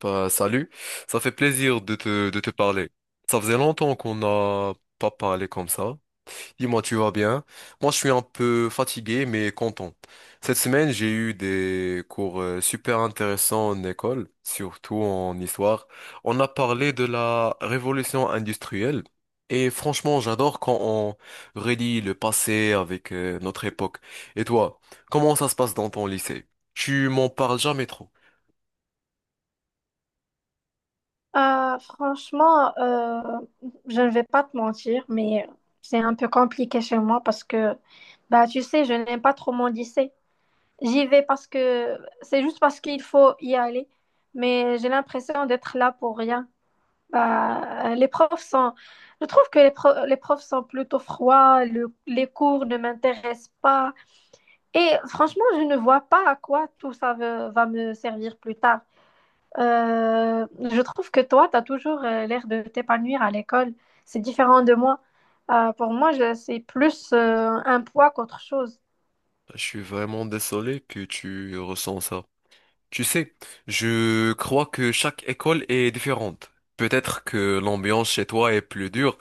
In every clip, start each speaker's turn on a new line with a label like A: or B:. A: Bah, salut, ça fait plaisir de te parler. Ça faisait longtemps qu'on n'a pas parlé comme ça. Dis-moi, tu vas bien? Moi, je suis un peu fatigué, mais content. Cette semaine, j'ai eu des cours super intéressants en école, surtout en histoire. On a parlé de la révolution industrielle. Et franchement, j'adore quand on relie le passé avec notre époque. Et toi, comment ça se passe dans ton lycée? Tu m'en parles jamais trop.
B: Franchement, je ne vais pas te mentir, mais c'est un peu compliqué chez moi parce que, bah, tu sais, je n'aime pas trop mon lycée. J'y vais parce que c'est juste parce qu'il faut y aller, mais j'ai l'impression d'être là pour rien. Bah, les profs sont, je trouve que les, les profs sont plutôt froids, les cours ne m'intéressent pas, et franchement, je ne vois pas à quoi tout ça va me servir plus tard. Je trouve que toi, tu as toujours l'air de t'épanouir à l'école. C'est différent de moi. Pour moi, c'est plus un poids qu'autre chose.
A: Je suis vraiment désolé que tu ressens ça. Tu sais, je crois que chaque école est différente. Peut-être que l'ambiance chez toi est plus dure.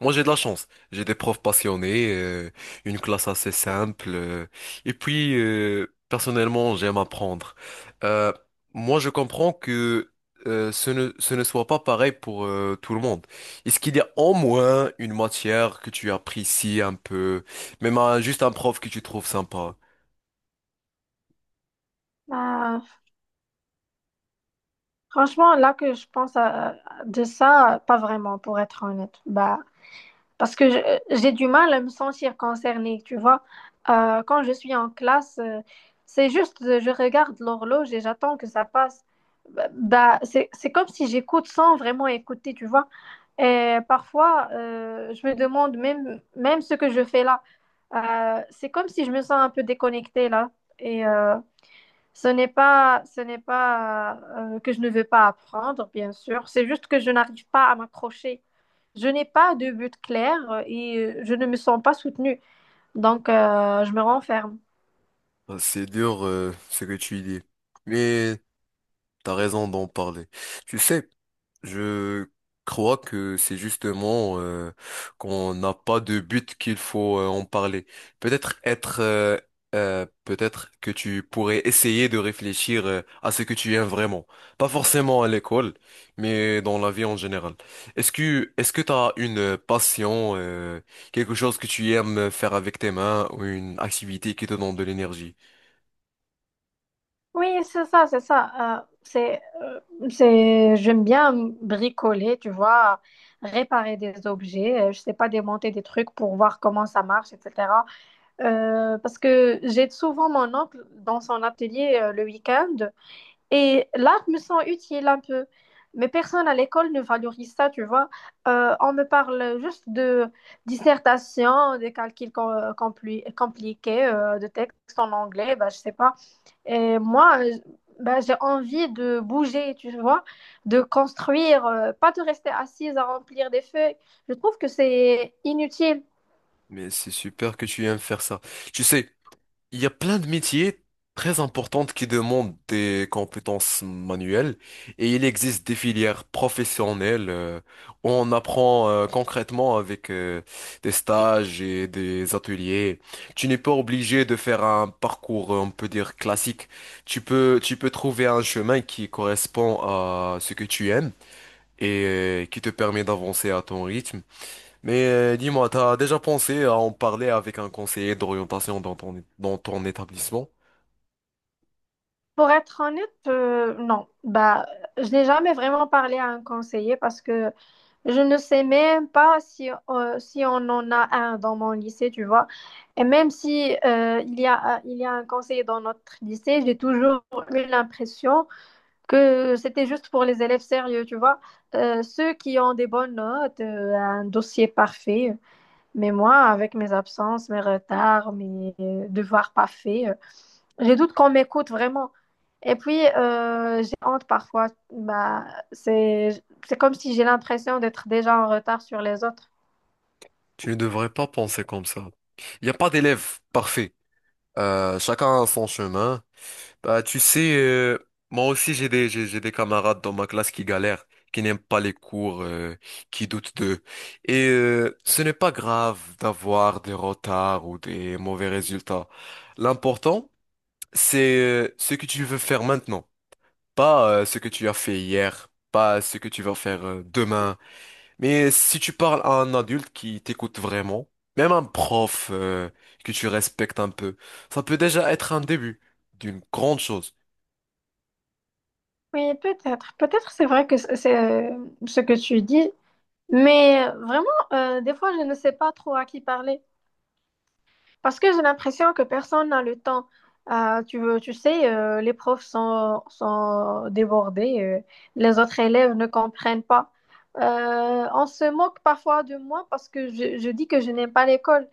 A: Moi, j'ai de la chance. J'ai des profs passionnés, une classe assez simple. Et puis, personnellement, j'aime apprendre. Euh, Moi, je comprends que ce ne soit pas pareil pour tout le monde. Est-ce qu'il y a au moins une matière que tu apprécies un peu, même juste un prof que tu trouves sympa?
B: Euh, Franchement, là que je pense à- de ça, pas vraiment, pour être honnête. Bah, parce que j'ai du mal à me sentir concernée, tu vois. Quand je suis en classe, c'est juste, je regarde l'horloge et j'attends que ça passe. Bah, c'est comme si j'écoute sans vraiment écouter, tu vois. Et parfois, je me demande même ce que je fais là. C'est comme si je me sens un peu déconnectée là. Et ce n'est pas que je ne veux pas apprendre, bien sûr. C'est juste que je n'arrive pas à m'accrocher. Je n'ai pas de but clair et je ne me sens pas soutenue. Donc, je me renferme.
A: Ah, c'est dur ce que tu dis, mais t'as raison d'en parler. Tu sais, je crois que c'est justement qu'on n'a pas de but qu'il faut en parler. Peut-être être, euh, Peut-être que tu pourrais essayer de réfléchir à ce que tu aimes vraiment, pas forcément à l'école, mais dans la vie en général. Est-ce que t'as une passion, quelque chose que tu aimes faire avec tes mains ou une activité qui te donne de l'énergie?
B: Oui, c'est ça, c'est ça. C'est, j'aime bien bricoler, tu vois, réparer des objets. Je sais pas, démonter des trucs pour voir comment ça marche, etc. Parce que j'ai souvent mon oncle dans son atelier le week-end. Et là, je me sens utile un peu. Mais personne à l'école ne valorise ça, tu vois. On me parle juste de dissertation, des calculs compliqués, de textes en anglais, bah, je sais pas. Et moi, bah, j'ai envie de bouger, tu vois, de construire, pas de rester assise à remplir des feuilles. Je trouve que c'est inutile.
A: Mais c'est super que tu aimes faire ça. Tu sais, il y a plein de métiers très importants qui demandent des compétences manuelles et il existe des filières professionnelles où on apprend concrètement avec des stages et des ateliers. Tu n'es pas obligé de faire un parcours, on peut dire, classique. Tu peux trouver un chemin qui correspond à ce que tu aimes et qui te permet d'avancer à ton rythme. Mais dis-moi, t'as déjà pensé à en parler avec un conseiller d'orientation dans ton établissement?
B: Pour être honnête, non. Bah, je n'ai jamais vraiment parlé à un conseiller parce que je ne sais même pas si, si on en a un dans mon lycée, tu vois. Et même si il y a un conseiller dans notre lycée, j'ai toujours eu l'impression que c'était juste pour les élèves sérieux, tu vois. Ceux qui ont des bonnes notes, un dossier parfait. Mais moi, avec mes absences, mes retards, mes devoirs pas faits, je doute qu'on m'écoute vraiment. Et puis, j'ai honte parfois. Bah, c'est, c'est comme si j'ai l'impression d'être déjà en retard sur les autres.
A: Tu ne devrais pas penser comme ça. Il n'y a pas d'élève parfait. Chacun a son chemin. Bah, tu sais, moi aussi j'ai des camarades dans ma classe qui galèrent, qui n'aiment pas les cours, qui doutent d'eux. Et ce n'est pas grave d'avoir des retards ou des mauvais résultats. L'important, c'est ce que tu veux faire maintenant, pas ce que tu as fait hier, pas ce que tu vas faire demain. Mais si tu parles à un adulte qui t'écoute vraiment, même un prof que tu respectes un peu, ça peut déjà être un début d'une grande chose.
B: Oui, peut-être. Peut-être c'est vrai que c'est euh, ce que tu dis. Mais vraiment, des fois, je ne sais pas trop à qui parler. Parce que j'ai l'impression que personne n'a le temps. Ah, tu veux, tu sais, les profs sont débordés, les autres élèves ne comprennent pas. On se moque parfois de moi parce que je dis que je n'aime pas l'école.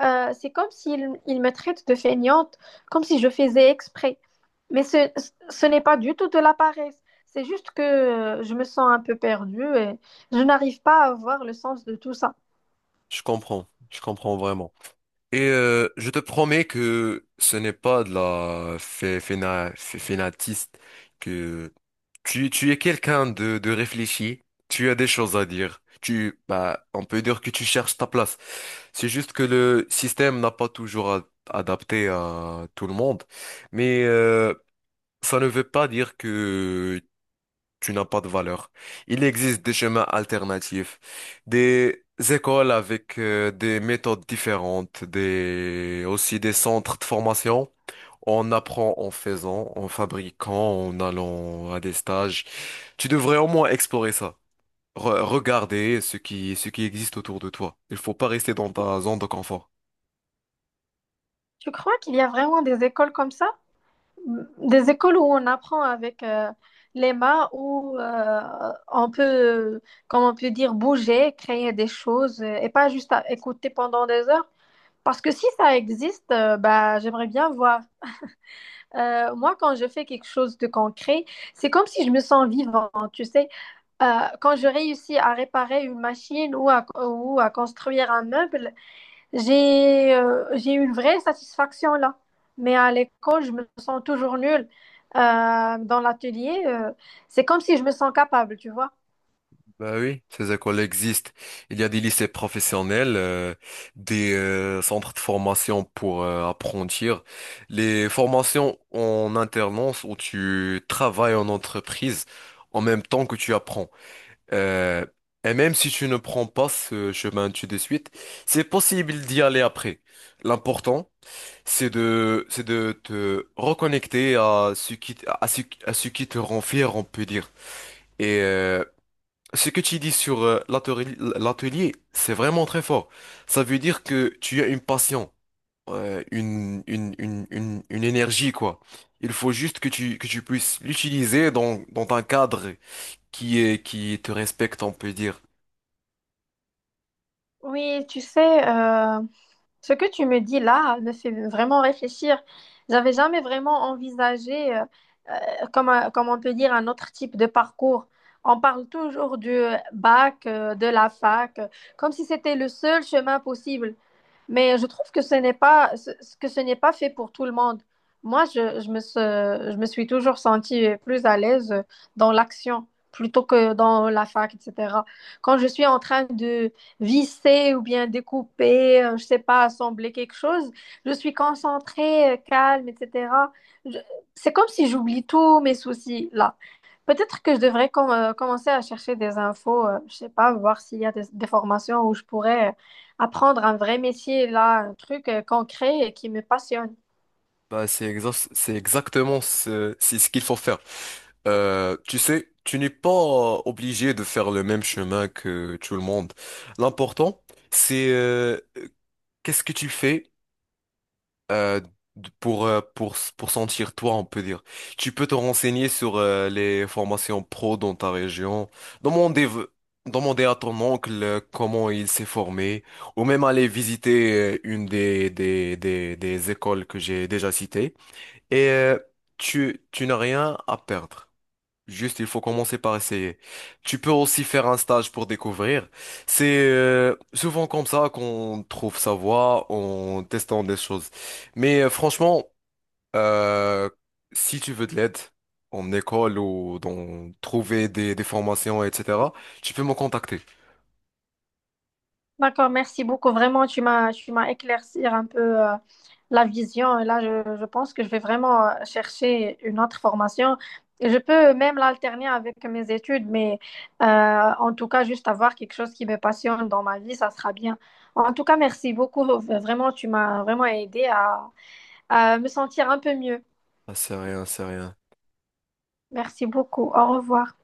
B: C'est comme s'ils ils me traitent de feignante, comme si je faisais exprès. Mais ce n'est pas du tout de la paresse. C'est juste que je me sens un peu perdue et je n'arrive pas à voir le sens de tout ça.
A: Je comprends vraiment. Et je te promets que ce n'est pas de la fénatiste, que tu es quelqu'un de réfléchi, tu as des choses à dire. Bah, on peut dire que tu cherches ta place. C'est juste que le système n'a pas toujours adapté à tout le monde, mais ça ne veut pas dire que tu n'as pas de valeur. Il existe des chemins alternatifs, des écoles avec des méthodes différentes, des aussi des centres de formation. On apprend en faisant, en fabriquant, en allant à des stages. Tu devrais au moins explorer ça. Regarder ce qui existe autour de toi. Il faut pas rester dans ta zone de confort.
B: Tu crois qu'il y a vraiment des écoles comme ça? Des écoles où on apprend avec les mains, où on peut, comme on peut dire, bouger, créer des choses et pas juste à écouter pendant des heures. Parce que si ça existe, bah, j'aimerais bien voir. Moi, quand je fais quelque chose de concret, c'est comme si je me sens vivante, tu sais. Euh, Quand je réussis à réparer une machine ou à construire un meuble, j'ai eu une vraie satisfaction là. Mais à l'école, je me sens toujours nulle. Dans l'atelier, c'est comme si je me sens capable, tu vois.
A: Bah oui, ces écoles existent. Il y a des lycées professionnels, des centres de formation pour apprentir, les formations en alternance où tu travailles en entreprise en même temps que tu apprends. Euh, et même si tu ne prends pas ce chemin tout de suite, c'est possible d'y aller après. L'important, c'est c'est de te reconnecter à ce qui, à ce qui te rend fier, on peut dire. Et ce que tu dis sur l'atelier, c'est vraiment très fort. Ça veut dire que tu as une passion, une énergie, quoi. Il faut juste que que tu puisses l'utiliser dans un cadre qui est, qui te respecte, on peut dire.
B: Oui, tu sais, ce que tu me dis là me fait vraiment réfléchir. J'avais jamais vraiment envisagé, comme, comme on peut dire, un autre type de parcours. On parle toujours du bac, de la fac, comme si c'était le seul chemin possible. Mais je trouve que ce n'est pas, ce- que ce n'est pas fait pour tout le monde. Moi, je me suis toujours sentie plus à l'aise dans l'action plutôt que dans la fac, etc. Quand je suis en train de visser ou bien découper, je sais pas, assembler quelque chose, je suis concentrée, calme, etc. Je- c'est comme si j'oublie tous mes soucis là. Peut-être que je devrais commencer à chercher des infos, je sais pas, voir s'il y a des formations où je pourrais apprendre un vrai métier, là, un truc concret et qui me passionne.
A: Bah, c'est exactement c'est ce qu'il faut faire. Tu sais, tu n'es pas obligé de faire le même chemin que tout le monde. L'important, c'est qu'est-ce que tu fais? euh, pour, pour sentir toi, on peut dire. Tu peux te renseigner sur les formations pro dans ta région, demander, v- demander à ton oncle comment il s'est formé, ou même aller visiter une des écoles que j'ai déjà citées. Et tu n'as rien à perdre. Juste, il faut commencer par essayer. Tu peux aussi faire un stage pour découvrir. C'est souvent comme ça qu'on trouve sa voie en testant des choses. Mais franchement, euh, si tu veux de l'aide en école ou dans trouver des formations, etc., tu peux me contacter.
B: D'accord, merci beaucoup. Vraiment, tu m'as éclaircir un peu la vision. Et là, je pense que je vais vraiment chercher une autre formation. Et je peux même l'alterner avec mes études, mais euh, en tout cas, juste avoir quelque chose qui me passionne dans ma vie, ça sera bien. En tout cas, merci beaucoup. Vraiment, tu m'as vraiment aidé à me sentir un peu mieux.
A: Ah, c'est rien, c'est rien.
B: Merci beaucoup. Au revoir.